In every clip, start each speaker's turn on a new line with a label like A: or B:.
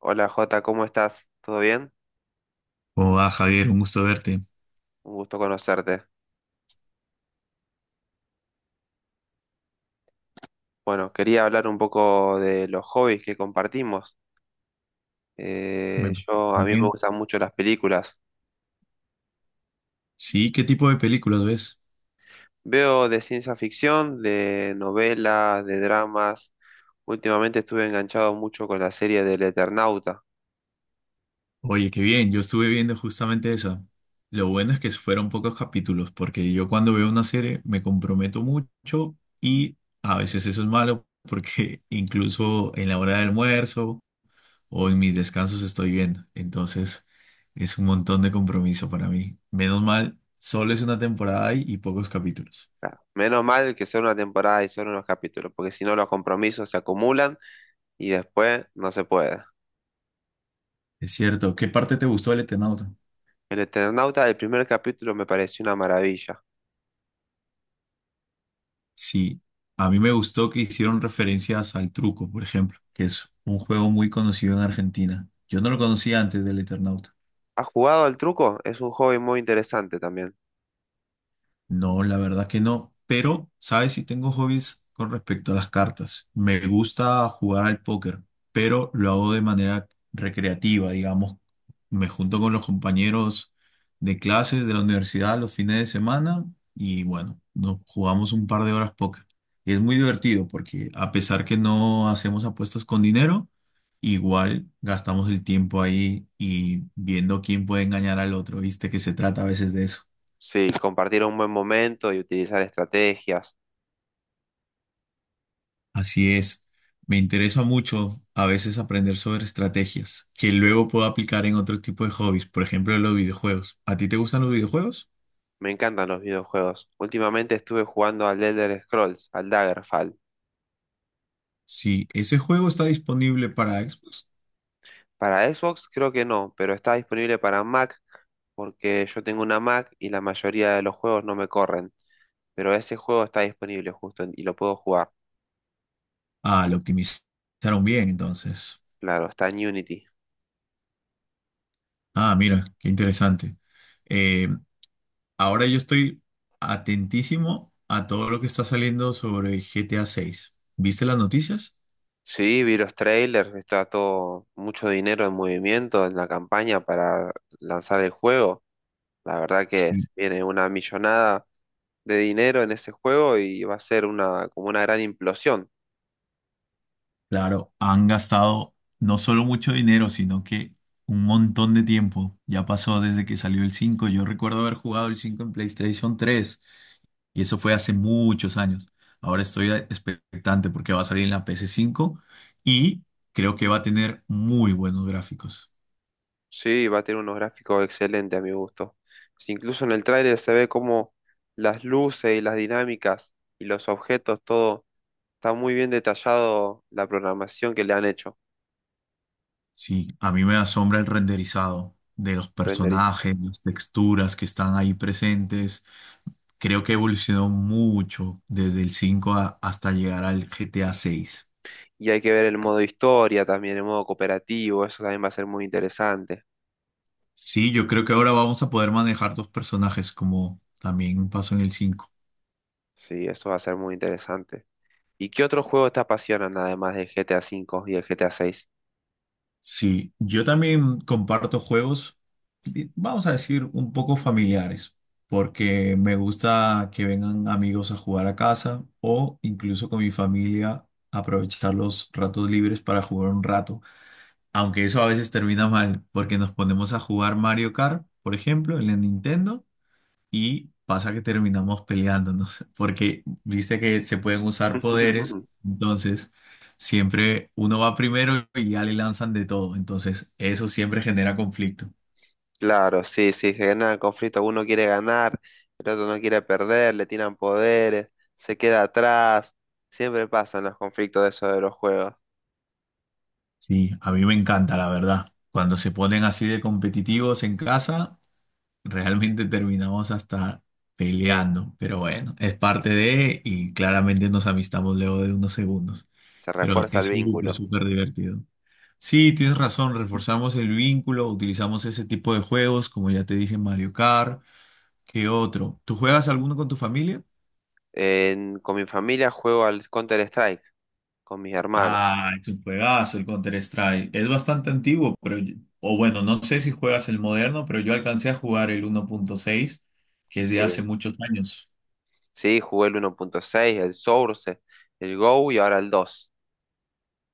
A: Hola Jota, ¿cómo estás? ¿Todo bien?
B: Hola Javier, un gusto verte.
A: Un gusto conocerte. Bueno, quería hablar un poco de los hobbies que compartimos.
B: Me-
A: A
B: Muy
A: mí me
B: bien.
A: gustan mucho las películas.
B: Sí, ¿qué tipo de películas ves?
A: Veo de ciencia ficción, de novelas, de dramas. Últimamente estuve enganchado mucho con la serie del Eternauta.
B: Oye, qué bien, yo estuve viendo justamente esa. Lo bueno es que fueron pocos capítulos, porque yo cuando veo una serie me comprometo mucho y a veces eso es malo, porque incluso en la hora del almuerzo o en mis descansos estoy viendo. Entonces es un montón de compromiso para mí. Menos mal, solo es una temporada y pocos capítulos.
A: Claro, menos mal que son una temporada y son unos capítulos, porque si no los compromisos se acumulan y después no se puede.
B: Es cierto, ¿qué parte te gustó del Eternauta?
A: El Eternauta, el primer capítulo me pareció una maravilla.
B: Sí, a mí me gustó que hicieron referencias al truco, por ejemplo, que es un juego muy conocido en Argentina. Yo no lo conocía antes del Eternauta.
A: ¿Has jugado al truco? Es un hobby muy interesante también.
B: No, la verdad que no. Pero, ¿sabes si tengo hobbies con respecto a las cartas? Me gusta jugar al póker, pero lo hago de manera recreativa, digamos. Me junto con los compañeros de clases de la universidad los fines de semana y bueno, nos jugamos un par de horas póker. Y es muy divertido porque a pesar que no hacemos apuestas con dinero, igual gastamos el tiempo ahí y viendo quién puede engañar al otro, ¿viste? Que se trata a veces de eso.
A: Sí, compartir un buen momento y utilizar estrategias.
B: Así es, me interesa mucho a veces aprender sobre estrategias que luego puedo aplicar en otro tipo de hobbies, por ejemplo, los videojuegos. ¿A ti te gustan los videojuegos?
A: Me encantan los videojuegos. Últimamente estuve jugando al Elder Scrolls, al Daggerfall.
B: Si ese juego está disponible para Xbox,
A: Para Xbox creo que no, pero está disponible para Mac porque yo tengo una Mac y la mayoría de los juegos no me corren. Pero ese juego está disponible justo y lo puedo jugar.
B: ah, lo optimizaron bien, entonces.
A: Claro, está en Unity.
B: Ah, mira, qué interesante. Eh, ahora yo estoy atentísimo a todo lo que está saliendo sobre GTA 6. ¿Viste las noticias?
A: Sí, vi los trailers, está todo mucho dinero en movimiento en la campaña para lanzar el juego. La verdad que
B: Sí.
A: viene una millonada de dinero en ese juego y va a ser como una gran implosión.
B: Claro, han gastado no solo mucho dinero, sino que un montón de tiempo. Ya pasó desde que salió el 5. Yo recuerdo haber jugado el 5 en PlayStation tres y eso fue hace muchos años. Ahora estoy expectante porque va a salir en la ps cinco y creo que va a tener muy buenos gráficos.
A: Sí, va a tener unos gráficos excelentes a mi gusto. Si incluso en el tráiler se ve como las luces y las dinámicas y los objetos, todo está muy bien detallado la programación que le han hecho.
B: Sí, a mí me asombra el renderizado de los
A: Renderis.
B: personajes, las texturas que están ahí presentes. Creo que evolucionó mucho desde el 5 hasta llegar al GTA seis.
A: Y hay que ver el modo historia también, el modo cooperativo, eso también va a ser muy interesante.
B: Sí, yo creo que ahora vamos a poder manejar dos personajes, como también pasó en el cinco.
A: Sí, eso va a ser muy interesante. ¿Y qué otros juegos te apasionan además del GTA 5 y el GTA seis?
B: Sí, yo también comparto juegos, vamos a decir, un poco familiares, porque me gusta que vengan amigos a jugar a casa o incluso con mi familia aprovechar los ratos libres para jugar un rato, aunque eso a veces termina mal, porque nos ponemos a jugar Mario Kart, por ejemplo, en la Nintendo. Y pasa que terminamos peleándonos, porque viste que se pueden usar poderes, entonces siempre uno va primero y ya le lanzan de todo, entonces eso siempre genera conflicto.
A: Claro, sí, sí, genera el conflicto. Uno quiere ganar, el otro no quiere perder, le tiran poderes, se queda atrás. Siempre pasan los conflictos de eso de los juegos.
B: Sí, a mí me encanta, la verdad. Cuando se ponen así de competitivos en casa, realmente terminamos hasta peleando, pero bueno, es parte de y claramente nos amistamos luego de unos segundos,
A: Se
B: pero
A: refuerza
B: es
A: el
B: súper,
A: vínculo.
B: súper divertido. Sí, tienes razón, reforzamos el vínculo, utilizamos ese tipo de juegos, como ya te dije, Mario Kart, ¿qué otro? ¿Tú juegas alguno con tu familia?
A: Con mi familia juego al Counter-Strike, con mis hermanos.
B: Ah, es un juegazo el Counter-Strike. Es bastante antiguo, pero, o bueno, no sé si juegas el moderno, pero yo alcancé a jugar el 1.6, que es de
A: Sí,
B: hace muchos años.
A: sí, jugué el 1.6, el Source, el Go y ahora el 2.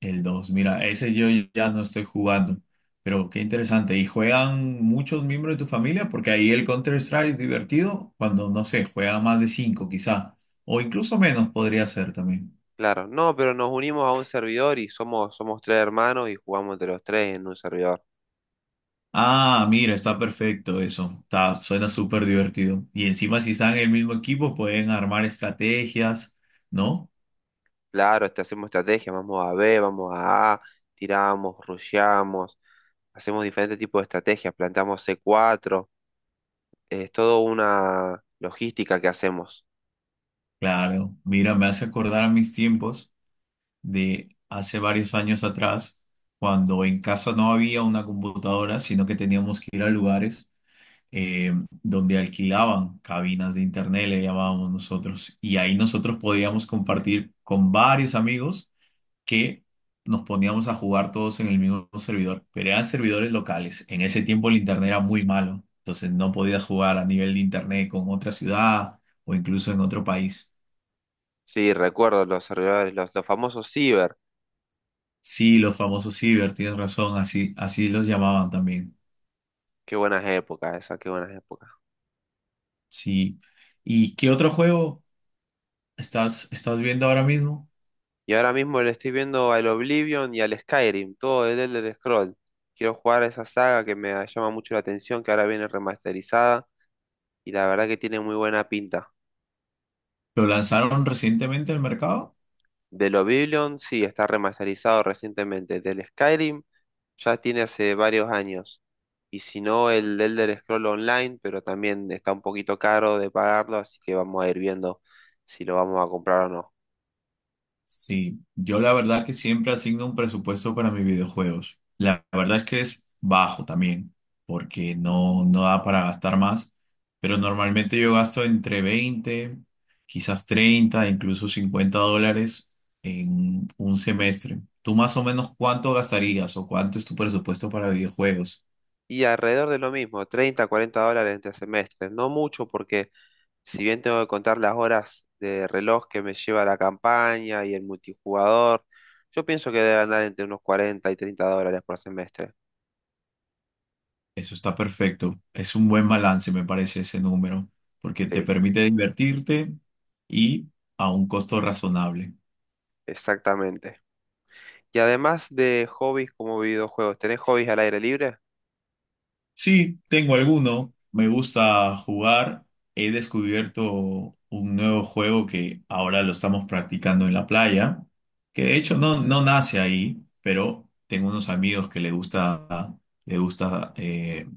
B: El 2 mira, ese yo ya no estoy jugando, pero qué interesante. ¿Y juegan muchos miembros de tu familia? Porque ahí el Counter-Strike es divertido cuando, no sé, juegan más de 5 quizá, o incluso menos podría ser también.
A: Claro, no, pero nos unimos a un servidor y somos tres hermanos y jugamos entre los tres en un servidor.
B: Ah, mira, está perfecto eso. Está, suena súper divertido. Y encima si están en el mismo equipo pueden armar estrategias, ¿no?
A: Claro, hacemos estrategias, vamos a B, vamos a A, tiramos, rusheamos, hacemos diferentes tipos de estrategias, plantamos C4, es toda una logística que hacemos.
B: Claro, mira, me hace acordar a mis tiempos de hace varios años atrás, cuando en casa no había una computadora, sino que teníamos que ir a lugares donde alquilaban cabinas de internet, le llamábamos nosotros, y ahí nosotros podíamos compartir con varios amigos que nos poníamos a jugar todos en el mismo servidor, pero eran servidores locales. En ese tiempo el internet era muy malo, entonces no podías jugar a nivel de internet con otra ciudad o incluso en otro país.
A: Sí, recuerdo los servidores, los famosos ciber.
B: Sí, los famosos Ciber, tienes razón, así, así los llamaban también.
A: Qué buenas épocas esas, qué buenas épocas.
B: Sí. ¿Y qué otro juego estás viendo ahora mismo?
A: Y ahora mismo le estoy viendo al Oblivion y al Skyrim, todo el Elder Scroll. Quiero jugar a esa saga que me llama mucho la atención, que ahora viene remasterizada y la verdad que tiene muy buena pinta.
B: ¿Lo lanzaron recientemente al mercado?
A: Del Oblivion, sí, está remasterizado recientemente. Del Skyrim, ya tiene hace varios años. Y si no, el Elder Scroll Online, pero también está un poquito caro de pagarlo, así que vamos a ir viendo si lo vamos a comprar o no.
B: Sí, yo la verdad que siempre asigno un presupuesto para mis videojuegos. La verdad es que es bajo también, porque no, no da para gastar más, pero normalmente yo gasto entre 20, quizás 30, incluso 50 dólares en un semestre. ¿Tú más o menos cuánto gastarías o cuánto es tu presupuesto para videojuegos?
A: Y alrededor de lo mismo, 30, $40 entre semestres. No mucho porque si bien tengo que contar las horas de reloj que me lleva la campaña y el multijugador, yo pienso que debe andar entre unos 40 y $30 por semestre.
B: Eso está perfecto. Es un buen balance, me parece, ese número, porque te
A: Sí,
B: permite divertirte y a un costo razonable.
A: exactamente. Y además de hobbies como videojuegos, ¿tenés hobbies al aire libre?
B: Sí, tengo alguno. Me gusta jugar. He descubierto un nuevo juego que ahora lo estamos practicando en la playa, que de hecho no, no nace ahí, pero tengo unos amigos que le gusta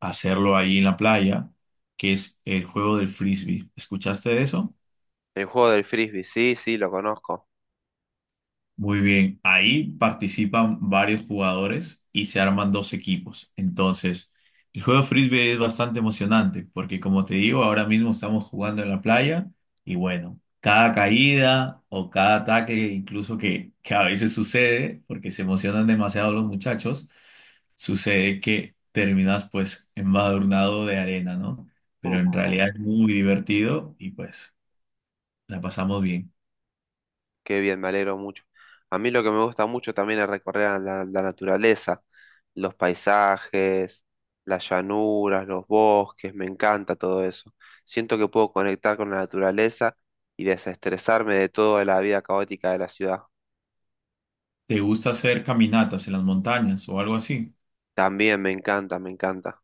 B: hacerlo ahí en la playa, que es el juego del frisbee. ¿Escuchaste de eso?
A: El juego del frisbee, sí, sí, lo conozco.
B: Muy bien, ahí participan varios jugadores y se arman dos equipos. Entonces, el juego de frisbee es bastante emocionante porque, como te digo, ahora mismo estamos jugando en la playa y bueno, cada caída o cada ataque, incluso que a veces sucede, porque se emocionan demasiado los muchachos, sucede que terminas pues embadurnado de arena, ¿no? Pero en realidad es muy divertido y pues la pasamos bien.
A: Qué bien, me alegro mucho. A mí lo que me gusta mucho también es recorrer la naturaleza, los paisajes, las llanuras, los bosques, me encanta todo eso. Siento que puedo conectar con la naturaleza y desestresarme de toda la vida caótica de la ciudad.
B: ¿Te gusta hacer caminatas en las montañas o algo así?
A: También me encanta, me encanta.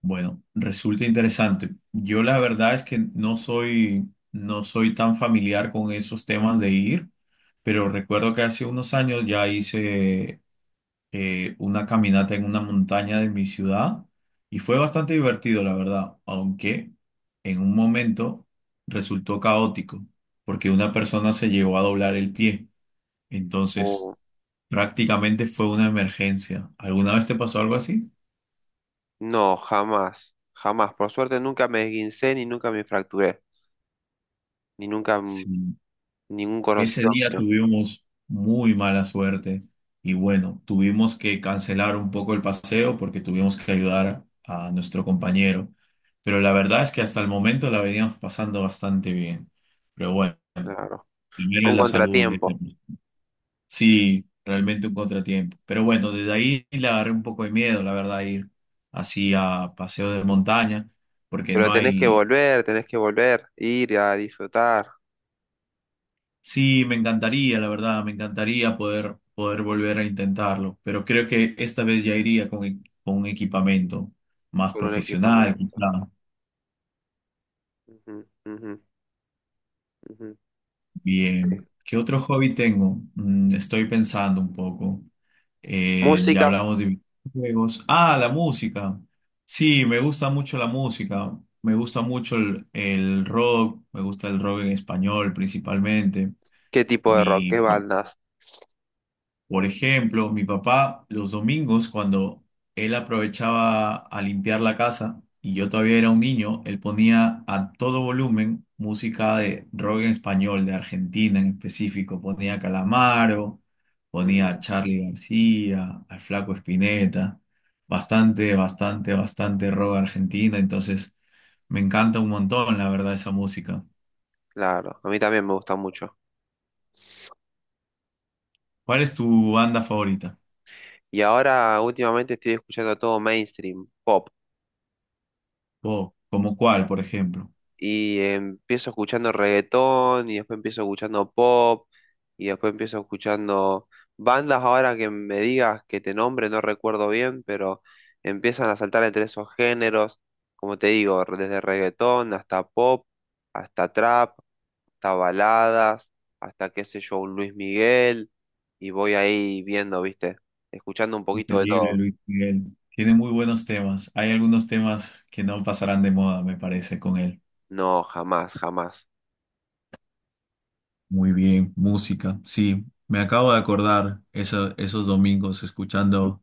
B: Bueno, resulta interesante. Yo la verdad es que no soy, no soy tan familiar con esos temas de ir, pero recuerdo que hace unos años ya hice una caminata en una montaña de mi ciudad y fue bastante divertido, la verdad, aunque en un momento resultó caótico porque una persona se llegó a doblar el pie. Entonces,
A: Oh,
B: prácticamente fue una emergencia. ¿Alguna vez te pasó algo así?
A: no, jamás, jamás. Por suerte nunca me esguincé ni nunca me fracturé. Ni nunca
B: Sí.
A: ningún
B: Ese
A: conocido
B: día
A: mío.
B: tuvimos muy mala suerte y bueno, tuvimos que cancelar un poco el paseo porque tuvimos que ayudar a nuestro compañero. Pero la verdad es que hasta el momento la veníamos pasando bastante bien. Pero bueno,
A: Claro.
B: primero
A: Fue
B: es
A: un
B: la salud, ¿eh?
A: contratiempo.
B: Sí, realmente un contratiempo. Pero bueno, desde ahí le agarré un poco de miedo, la verdad, a ir así a paseo de montaña porque
A: Pero
B: no hay.
A: tenés que volver, ir a disfrutar
B: Sí, me encantaría, la verdad, me encantaría poder, poder volver a intentarlo, pero creo que esta vez ya iría con, con un equipamiento más
A: con un
B: profesional,
A: equipamiento.
B: quizá.
A: Ujú, ujú, ujú. Sí.
B: Bien. ¿Qué otro hobby tengo? Estoy pensando un poco. Ya
A: Música,
B: hablamos de videojuegos. Ah, la música. Sí, me gusta mucho la música. Me gusta mucho el rock. Me gusta el rock en español principalmente.
A: ¿qué tipo de rock? ¿Qué
B: Mi
A: bandas?
B: Por ejemplo, mi papá los domingos cuando él aprovechaba a limpiar la casa y yo todavía era un niño, él ponía a todo volumen música de rock en español, de Argentina en específico. Ponía a Calamaro, ponía
A: Mm,
B: a Charly García, al Flaco Espineta. Bastante, bastante, bastante rock argentina. Entonces me encanta un montón, la verdad, esa música.
A: claro, a mí también me gusta mucho.
B: ¿Cuál es tu banda favorita?
A: Y ahora últimamente estoy escuchando todo mainstream, pop.
B: ¿O como cuál, por ejemplo?
A: Y empiezo escuchando reggaetón y después empiezo escuchando pop y después empiezo escuchando bandas ahora que me digas que te nombre, no recuerdo bien, pero empiezan a saltar entre esos géneros, como te digo, desde reggaetón hasta pop, hasta trap, hasta baladas, hasta qué sé yo, un Luis Miguel y voy ahí viendo, ¿viste? Escuchando un poquito de
B: Increíble,
A: todo.
B: Luis Miguel. Tiene muy buenos temas. Hay algunos temas que no pasarán de moda, me parece, con él.
A: No, jamás, jamás.
B: Muy bien, música. Sí, me acabo de acordar esos domingos escuchando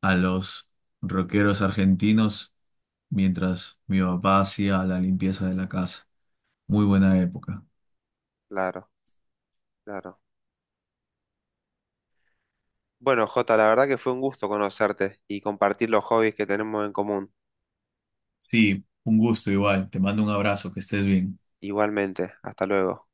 B: a los rockeros argentinos mientras mi papá hacía la limpieza de la casa. Muy buena época.
A: Claro, claro. Bueno, Jota, la verdad que fue un gusto conocerte y compartir los hobbies que tenemos en común.
B: Sí, un gusto igual. Te mando un abrazo, que estés bien.
A: Igualmente, hasta luego.